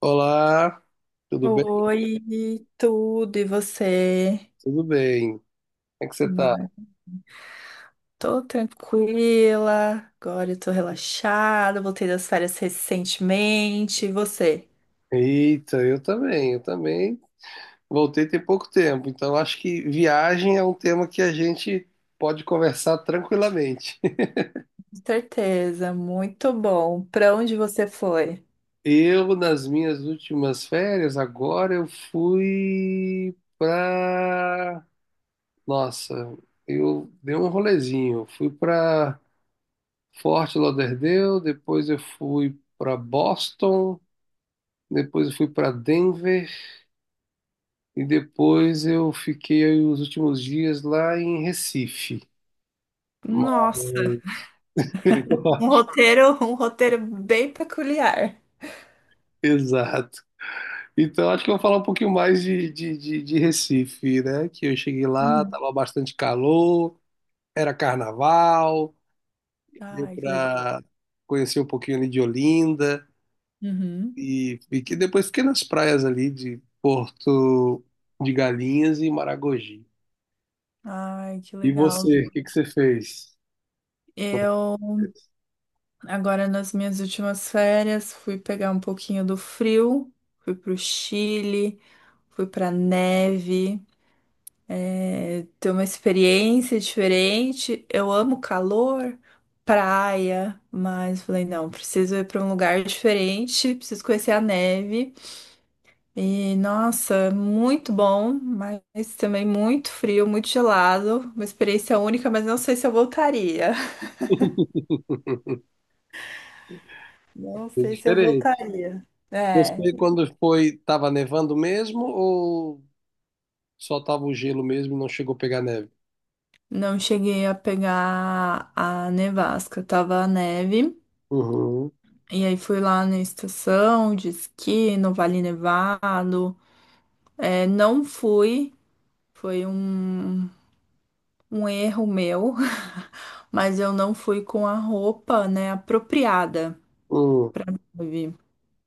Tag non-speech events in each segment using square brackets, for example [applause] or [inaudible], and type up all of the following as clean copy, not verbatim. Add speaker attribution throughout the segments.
Speaker 1: Olá, tudo bem?
Speaker 2: Oi, tudo e você?
Speaker 1: Tudo bem. Como é que você tá?
Speaker 2: Mas tô tranquila, agora eu tô relaxada, voltei das férias recentemente. E você?
Speaker 1: Eita, eu também, eu também. Voltei tem pouco tempo, então acho que viagem é um tema que a gente pode conversar tranquilamente. [laughs]
Speaker 2: Com certeza, muito bom. Pra onde você foi?
Speaker 1: Eu, nas minhas últimas férias, agora eu fui pra. Nossa, eu dei um rolezinho. Eu fui pra Fort Lauderdale, depois eu fui pra Boston, depois eu fui pra Denver. E depois eu fiquei os últimos dias lá em Recife.
Speaker 2: Nossa,
Speaker 1: Mas-
Speaker 2: um
Speaker 1: [laughs]
Speaker 2: roteiro, [laughs] um roteiro bem peculiar.
Speaker 1: Exato. Então acho que eu vou falar um pouquinho mais de Recife, né? Que eu cheguei lá,
Speaker 2: Uhum.
Speaker 1: tava bastante calor, era carnaval, deu
Speaker 2: Ai, que legal.
Speaker 1: para conhecer um pouquinho ali de Olinda
Speaker 2: Uhum.
Speaker 1: e fiquei, depois fiquei nas praias ali de Porto de Galinhas e Maragogi.
Speaker 2: Ai, que
Speaker 1: E
Speaker 2: legal.
Speaker 1: você, o que que você fez?
Speaker 2: Eu
Speaker 1: [laughs]
Speaker 2: Agora, nas minhas últimas férias, fui pegar um pouquinho do frio, fui pro Chile, fui pra neve, ter uma experiência diferente. Eu amo calor, praia, mas falei, não, preciso ir pra um lugar diferente, preciso conhecer a neve. E nossa, muito bom, mas também muito frio, muito gelado. Uma experiência única, mas não sei se eu voltaria. [laughs] Não
Speaker 1: Foi
Speaker 2: sei se eu
Speaker 1: diferente.
Speaker 2: voltaria. É.
Speaker 1: Você, quando foi, tava nevando mesmo ou só tava o gelo mesmo e não chegou a pegar neve?
Speaker 2: Não cheguei a pegar a nevasca, tava a neve.
Speaker 1: Uhum,
Speaker 2: E aí fui lá na estação de esqui, no Vale Nevado. É, não fui, foi um erro meu, [laughs] mas eu não fui com a roupa, né, apropriada.
Speaker 1: hum,
Speaker 2: Sabe?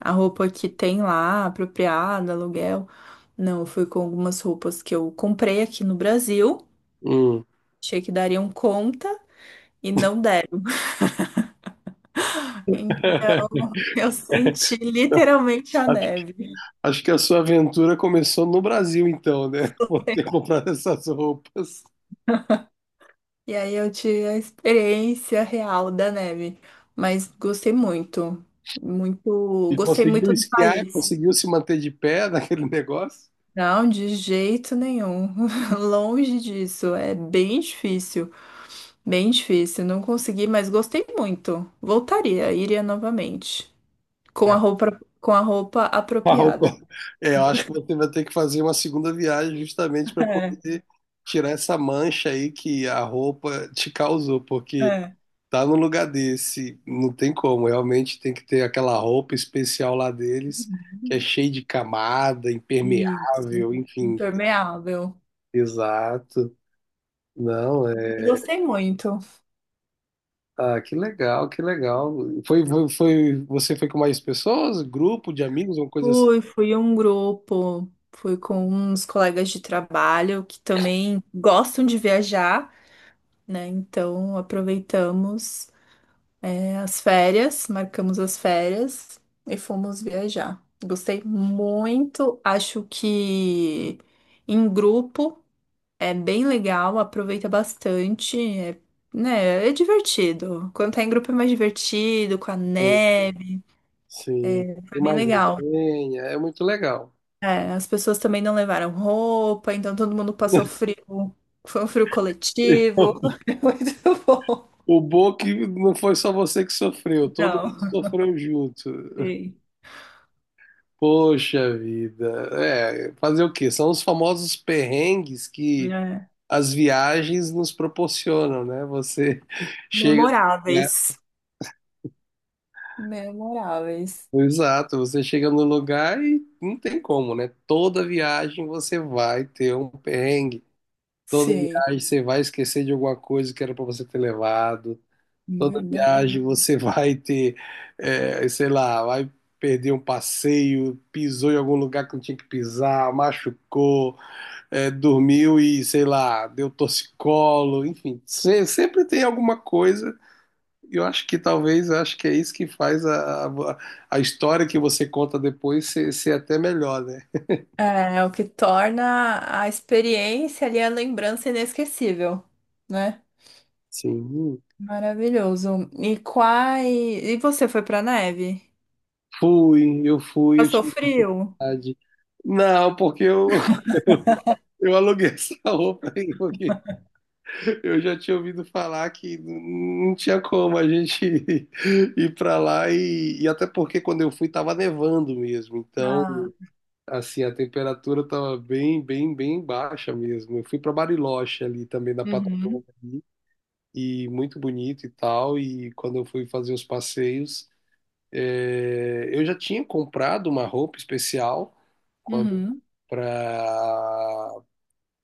Speaker 2: A roupa que tem lá, apropriada, aluguel. Não, eu fui com algumas roupas que eu comprei aqui no Brasil.
Speaker 1: hum.
Speaker 2: Achei que dariam conta e não deram.
Speaker 1: [laughs]
Speaker 2: Eu senti literalmente a
Speaker 1: Acho,
Speaker 2: neve.
Speaker 1: acho que a sua aventura começou no Brasil, então, né? [laughs] Por ter comprado essas roupas.
Speaker 2: E aí eu tive a experiência real da neve. Mas gostei muito. Muito.
Speaker 1: E
Speaker 2: Gostei
Speaker 1: conseguiu
Speaker 2: muito do
Speaker 1: esquiar,
Speaker 2: país.
Speaker 1: conseguiu se manter de pé [laughs] naquele negócio?
Speaker 2: Não, de jeito nenhum. [laughs] Longe disso. É bem difícil. Bem difícil. Não consegui, mas gostei muito. Voltaria, iria novamente.
Speaker 1: Ah. [laughs]
Speaker 2: Com a roupa
Speaker 1: A roupa.
Speaker 2: apropriada.
Speaker 1: É, eu acho que
Speaker 2: [laughs]
Speaker 1: você vai ter que fazer uma segunda viagem justamente para
Speaker 2: É,
Speaker 1: poder tirar essa mancha aí que a roupa te causou, porque
Speaker 2: é.
Speaker 1: tá no lugar desse, não tem como. Realmente tem que ter aquela roupa especial lá deles, que é cheia de camada,
Speaker 2: Isso.
Speaker 1: impermeável, enfim.
Speaker 2: Impermeável.
Speaker 1: Exato. Não, é.
Speaker 2: Eu gostei muito.
Speaker 1: Ah, que legal, que legal. Você foi com mais pessoas? Grupo de amigos, uma coisa assim?
Speaker 2: Fui, fui um grupo, fui com uns colegas de trabalho que também gostam de viajar, né? Então aproveitamos, as férias, marcamos as férias e fomos viajar. Gostei muito, acho que em grupo é bem legal, aproveita bastante, né? É divertido. Quando tá em grupo é mais divertido, com a
Speaker 1: Sim,
Speaker 2: neve,
Speaker 1: sim.
Speaker 2: foi
Speaker 1: Tem
Speaker 2: bem
Speaker 1: mais
Speaker 2: legal.
Speaker 1: resenha, é muito legal.
Speaker 2: É, as pessoas também não levaram roupa, então todo mundo passou frio. Foi um frio coletivo.
Speaker 1: [laughs]
Speaker 2: [laughs] Foi muito bom.
Speaker 1: O bom é que não foi só você que sofreu, todo
Speaker 2: Não,
Speaker 1: mundo sofreu junto.
Speaker 2: sim.
Speaker 1: Poxa vida. É, fazer o quê? São os famosos perrengues que
Speaker 2: É.
Speaker 1: as viagens nos proporcionam, né? Você [laughs] chega, né?
Speaker 2: Memoráveis. Memoráveis.
Speaker 1: Exato, você chega no lugar e não tem como, né? Toda viagem você vai ter um perrengue. Toda
Speaker 2: Sim,
Speaker 1: viagem você vai esquecer de alguma coisa que era para você ter levado. Toda
Speaker 2: verdade.
Speaker 1: viagem você [laughs] vai ter, é, sei lá, vai perder um passeio, pisou em algum lugar que não tinha que pisar, machucou. É, dormiu e, sei lá, deu torcicolo, enfim, sempre tem alguma coisa. E eu acho que talvez, eu acho que é isso que faz a história que você conta depois ser, ser até melhor, né?
Speaker 2: É, é o que torna a experiência ali a lembrança inesquecível, né?
Speaker 1: Sim,
Speaker 2: Maravilhoso. E quais... E você foi pra neve?
Speaker 1: fui, eu fui,
Speaker 2: Passou frio?
Speaker 1: utilidade. Não, porque eu, [laughs] eu eu aluguei essa roupa aí, porque eu já tinha ouvido falar que não tinha como a gente [laughs] ir pra lá e até porque quando eu fui tava nevando mesmo, então
Speaker 2: Ah,
Speaker 1: assim, a temperatura estava bem, bem, bem baixa mesmo. Eu fui para Bariloche ali também da
Speaker 2: uhum,
Speaker 1: Patagônia ali, e muito bonito e tal. E quando eu fui fazer os passeios, eu já tinha comprado uma roupa especial quando
Speaker 2: uhum,
Speaker 1: para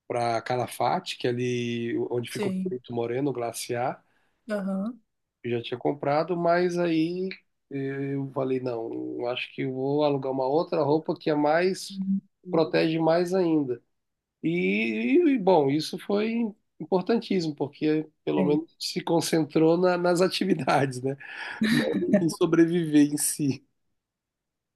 Speaker 1: para Calafate, que é ali onde fica o
Speaker 2: sim,
Speaker 1: Perito Moreno, o glaciar.
Speaker 2: aham.
Speaker 1: Eu já tinha comprado, mas aí eu falei, não, eu acho que eu vou alugar uma outra roupa que é mais protege mais ainda. E, bom, isso foi importantíssimo, porque pelo
Speaker 2: Sei.
Speaker 1: menos se concentrou nas atividades, né? Não em sobreviver em si.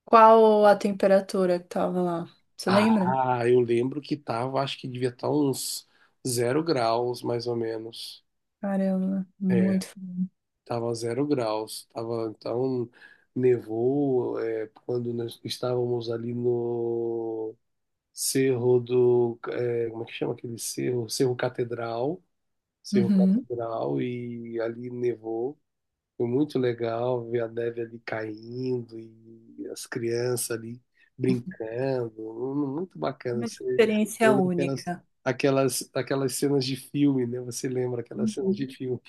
Speaker 2: Qual a temperatura que tava lá? Você lembra?
Speaker 1: Ah, eu lembro que tava, acho que devia estar uns zero graus, mais ou menos.
Speaker 2: Caramba,
Speaker 1: É,
Speaker 2: muito frio.
Speaker 1: tava zero graus. Tava, então, nevou, é, quando nós estávamos ali no Cerro do, é, como é que chama aquele cerro? Cerro Catedral. Cerro
Speaker 2: Uhum.
Speaker 1: Catedral e ali nevou. Foi muito legal ver a neve ali caindo e as crianças ali brincando. Muito bacana.
Speaker 2: Uma
Speaker 1: Você
Speaker 2: experiência
Speaker 1: lembra aquelas,
Speaker 2: única.
Speaker 1: aquelas cenas de filme, né? Você lembra aquelas cenas de
Speaker 2: Uhum.
Speaker 1: filme.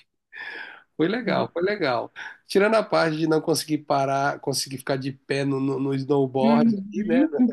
Speaker 1: Foi legal, foi legal. Tirando a parte de não conseguir parar, conseguir ficar de pé no snowboard ali, né?
Speaker 2: Uhum.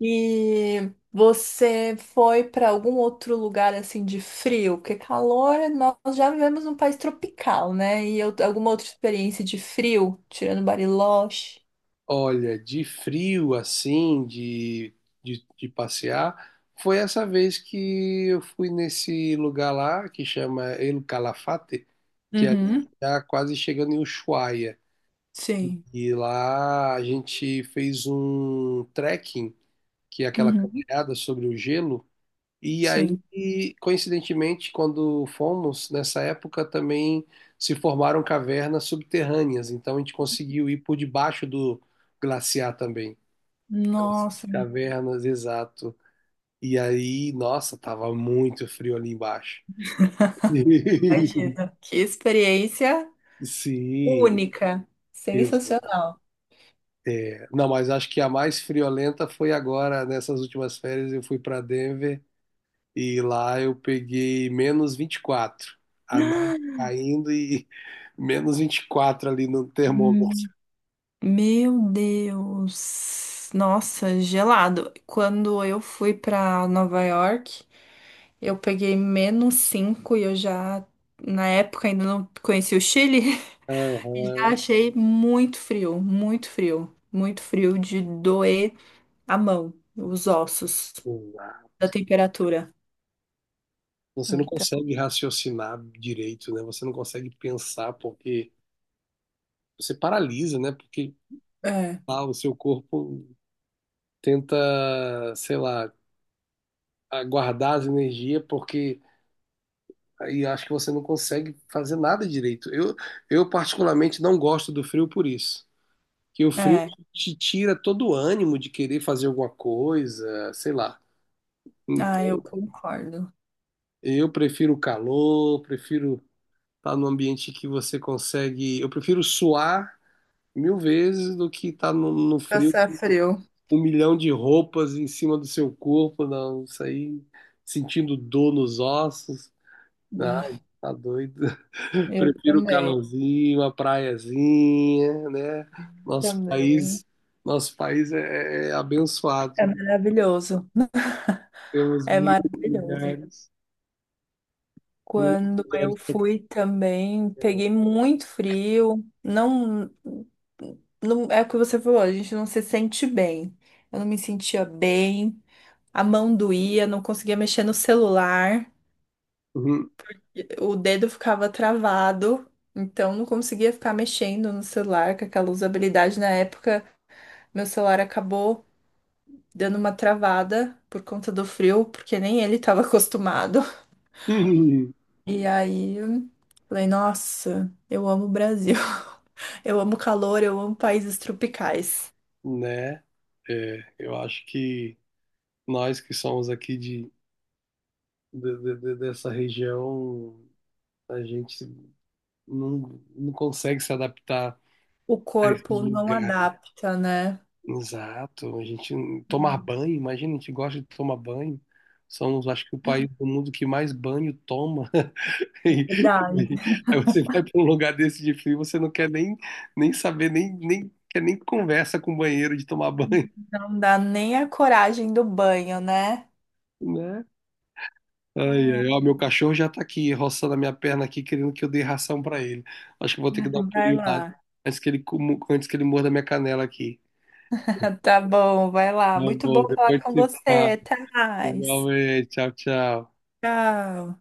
Speaker 2: E você foi para algum outro lugar assim de frio? Porque calor, nós já vivemos num país tropical, né? Alguma outra experiência de frio, tirando Bariloche?
Speaker 1: Olha, de frio assim, de passear, foi essa vez que eu fui nesse lugar lá que chama El Calafate, que é ali
Speaker 2: Uhum.
Speaker 1: tá quase chegando em Ushuaia.
Speaker 2: Sim.
Speaker 1: E lá a gente fez um trekking, que é aquela
Speaker 2: Uhum.
Speaker 1: caminhada sobre o gelo. E
Speaker 2: Sim.
Speaker 1: aí, coincidentemente, quando fomos, nessa época também se formaram cavernas subterrâneas, então a gente conseguiu ir por debaixo do glaciar também. As
Speaker 2: Nossa.
Speaker 1: cavernas, exato. E aí, nossa, tava muito frio ali embaixo. [laughs]
Speaker 2: Imagina. Que experiência
Speaker 1: Sim,
Speaker 2: única.
Speaker 1: isso.
Speaker 2: Sensacional.
Speaker 1: Não, mas acho que a mais friolenta foi agora, nessas últimas férias, eu fui para Denver e lá eu peguei menos 24. A neve caindo e [laughs] menos 24 ali no termômetro.
Speaker 2: Hum, Meu Deus. Nossa, gelado. Quando eu fui para Nova York, eu peguei -5 e eu já, na época, ainda não conhecia o Chile. [laughs] E já
Speaker 1: Aham,
Speaker 2: achei muito frio, muito frio, muito frio de doer a mão, os ossos,
Speaker 1: exato.
Speaker 2: da temperatura.
Speaker 1: Você não
Speaker 2: Então,
Speaker 1: consegue raciocinar direito, né? Você não consegue pensar porque você paralisa, né? Porque
Speaker 2: é,
Speaker 1: lá, o seu corpo tenta, sei lá, guardar as energias, porque aí acho que você não consegue fazer nada direito. Eu particularmente não gosto do frio por isso. Que o frio
Speaker 2: é.
Speaker 1: te tira todo o ânimo de querer fazer alguma coisa, sei lá.
Speaker 2: Ah, eu
Speaker 1: Então,
Speaker 2: concordo.
Speaker 1: eu prefiro o calor, prefiro estar num ambiente que você consegue. Eu prefiro suar 1.000 vezes do que estar no frio
Speaker 2: Passar frio.
Speaker 1: 1.000.000 de roupas em cima do seu corpo, não, isso aí, sentindo dor nos ossos, não,
Speaker 2: Ah,
Speaker 1: tá doido. [laughs]
Speaker 2: eu
Speaker 1: Prefiro o
Speaker 2: também.
Speaker 1: calorzinho, a praiazinha, né? Nosso
Speaker 2: Também.
Speaker 1: país, nosso país é
Speaker 2: É
Speaker 1: abençoado,
Speaker 2: maravilhoso. [laughs]
Speaker 1: temos
Speaker 2: É maravilhoso.
Speaker 1: muitos
Speaker 2: Quando eu
Speaker 1: lugares,
Speaker 2: fui também, peguei muito frio. Não, não é o que você falou, a gente não se sente bem. Eu não me sentia bem, a mão doía, não conseguia mexer no celular,
Speaker 1: Uhum.
Speaker 2: o dedo ficava travado, então não conseguia ficar mexendo no celular com aquela usabilidade. Na época, meu celular acabou dando uma travada por conta do frio, porque nem ele estava [laughs] acostumado.
Speaker 1: [laughs]
Speaker 2: E aí, falei, nossa, eu amo o Brasil. [laughs] Eu amo calor, eu amo países tropicais.
Speaker 1: né? É, eu acho que nós que somos aqui de, dessa região, a gente não consegue se adaptar
Speaker 2: O
Speaker 1: a esses
Speaker 2: corpo não
Speaker 1: lugares.
Speaker 2: adapta, né?
Speaker 1: Exato. A gente tomar banho, imagina, a gente gosta de tomar banho. Somos, acho que, o país do mundo que mais banho toma. [laughs] E-
Speaker 2: Verdade.
Speaker 1: e aí você vai para um lugar desse de frio, você não quer nem, nem, saber, nem quer nem conversa com o banheiro de tomar banho,
Speaker 2: Não dá nem a coragem do banho, né?
Speaker 1: [laughs] né? Ai,
Speaker 2: Ah,
Speaker 1: ai, ó, meu cachorro já tá aqui, roçando a minha perna aqui, querendo que eu dê ração para ele. Acho que vou ter que dar um
Speaker 2: vai
Speaker 1: pulinho lá,
Speaker 2: lá.
Speaker 1: antes que ele, antes que ele morda minha canela aqui.
Speaker 2: [laughs] Tá bom, vai
Speaker 1: Tá
Speaker 2: lá. Muito bom
Speaker 1: bom,
Speaker 2: falar
Speaker 1: depois
Speaker 2: com
Speaker 1: te falo.
Speaker 2: você, Thais.
Speaker 1: Igualmente, tchau, tchau.
Speaker 2: Tchau.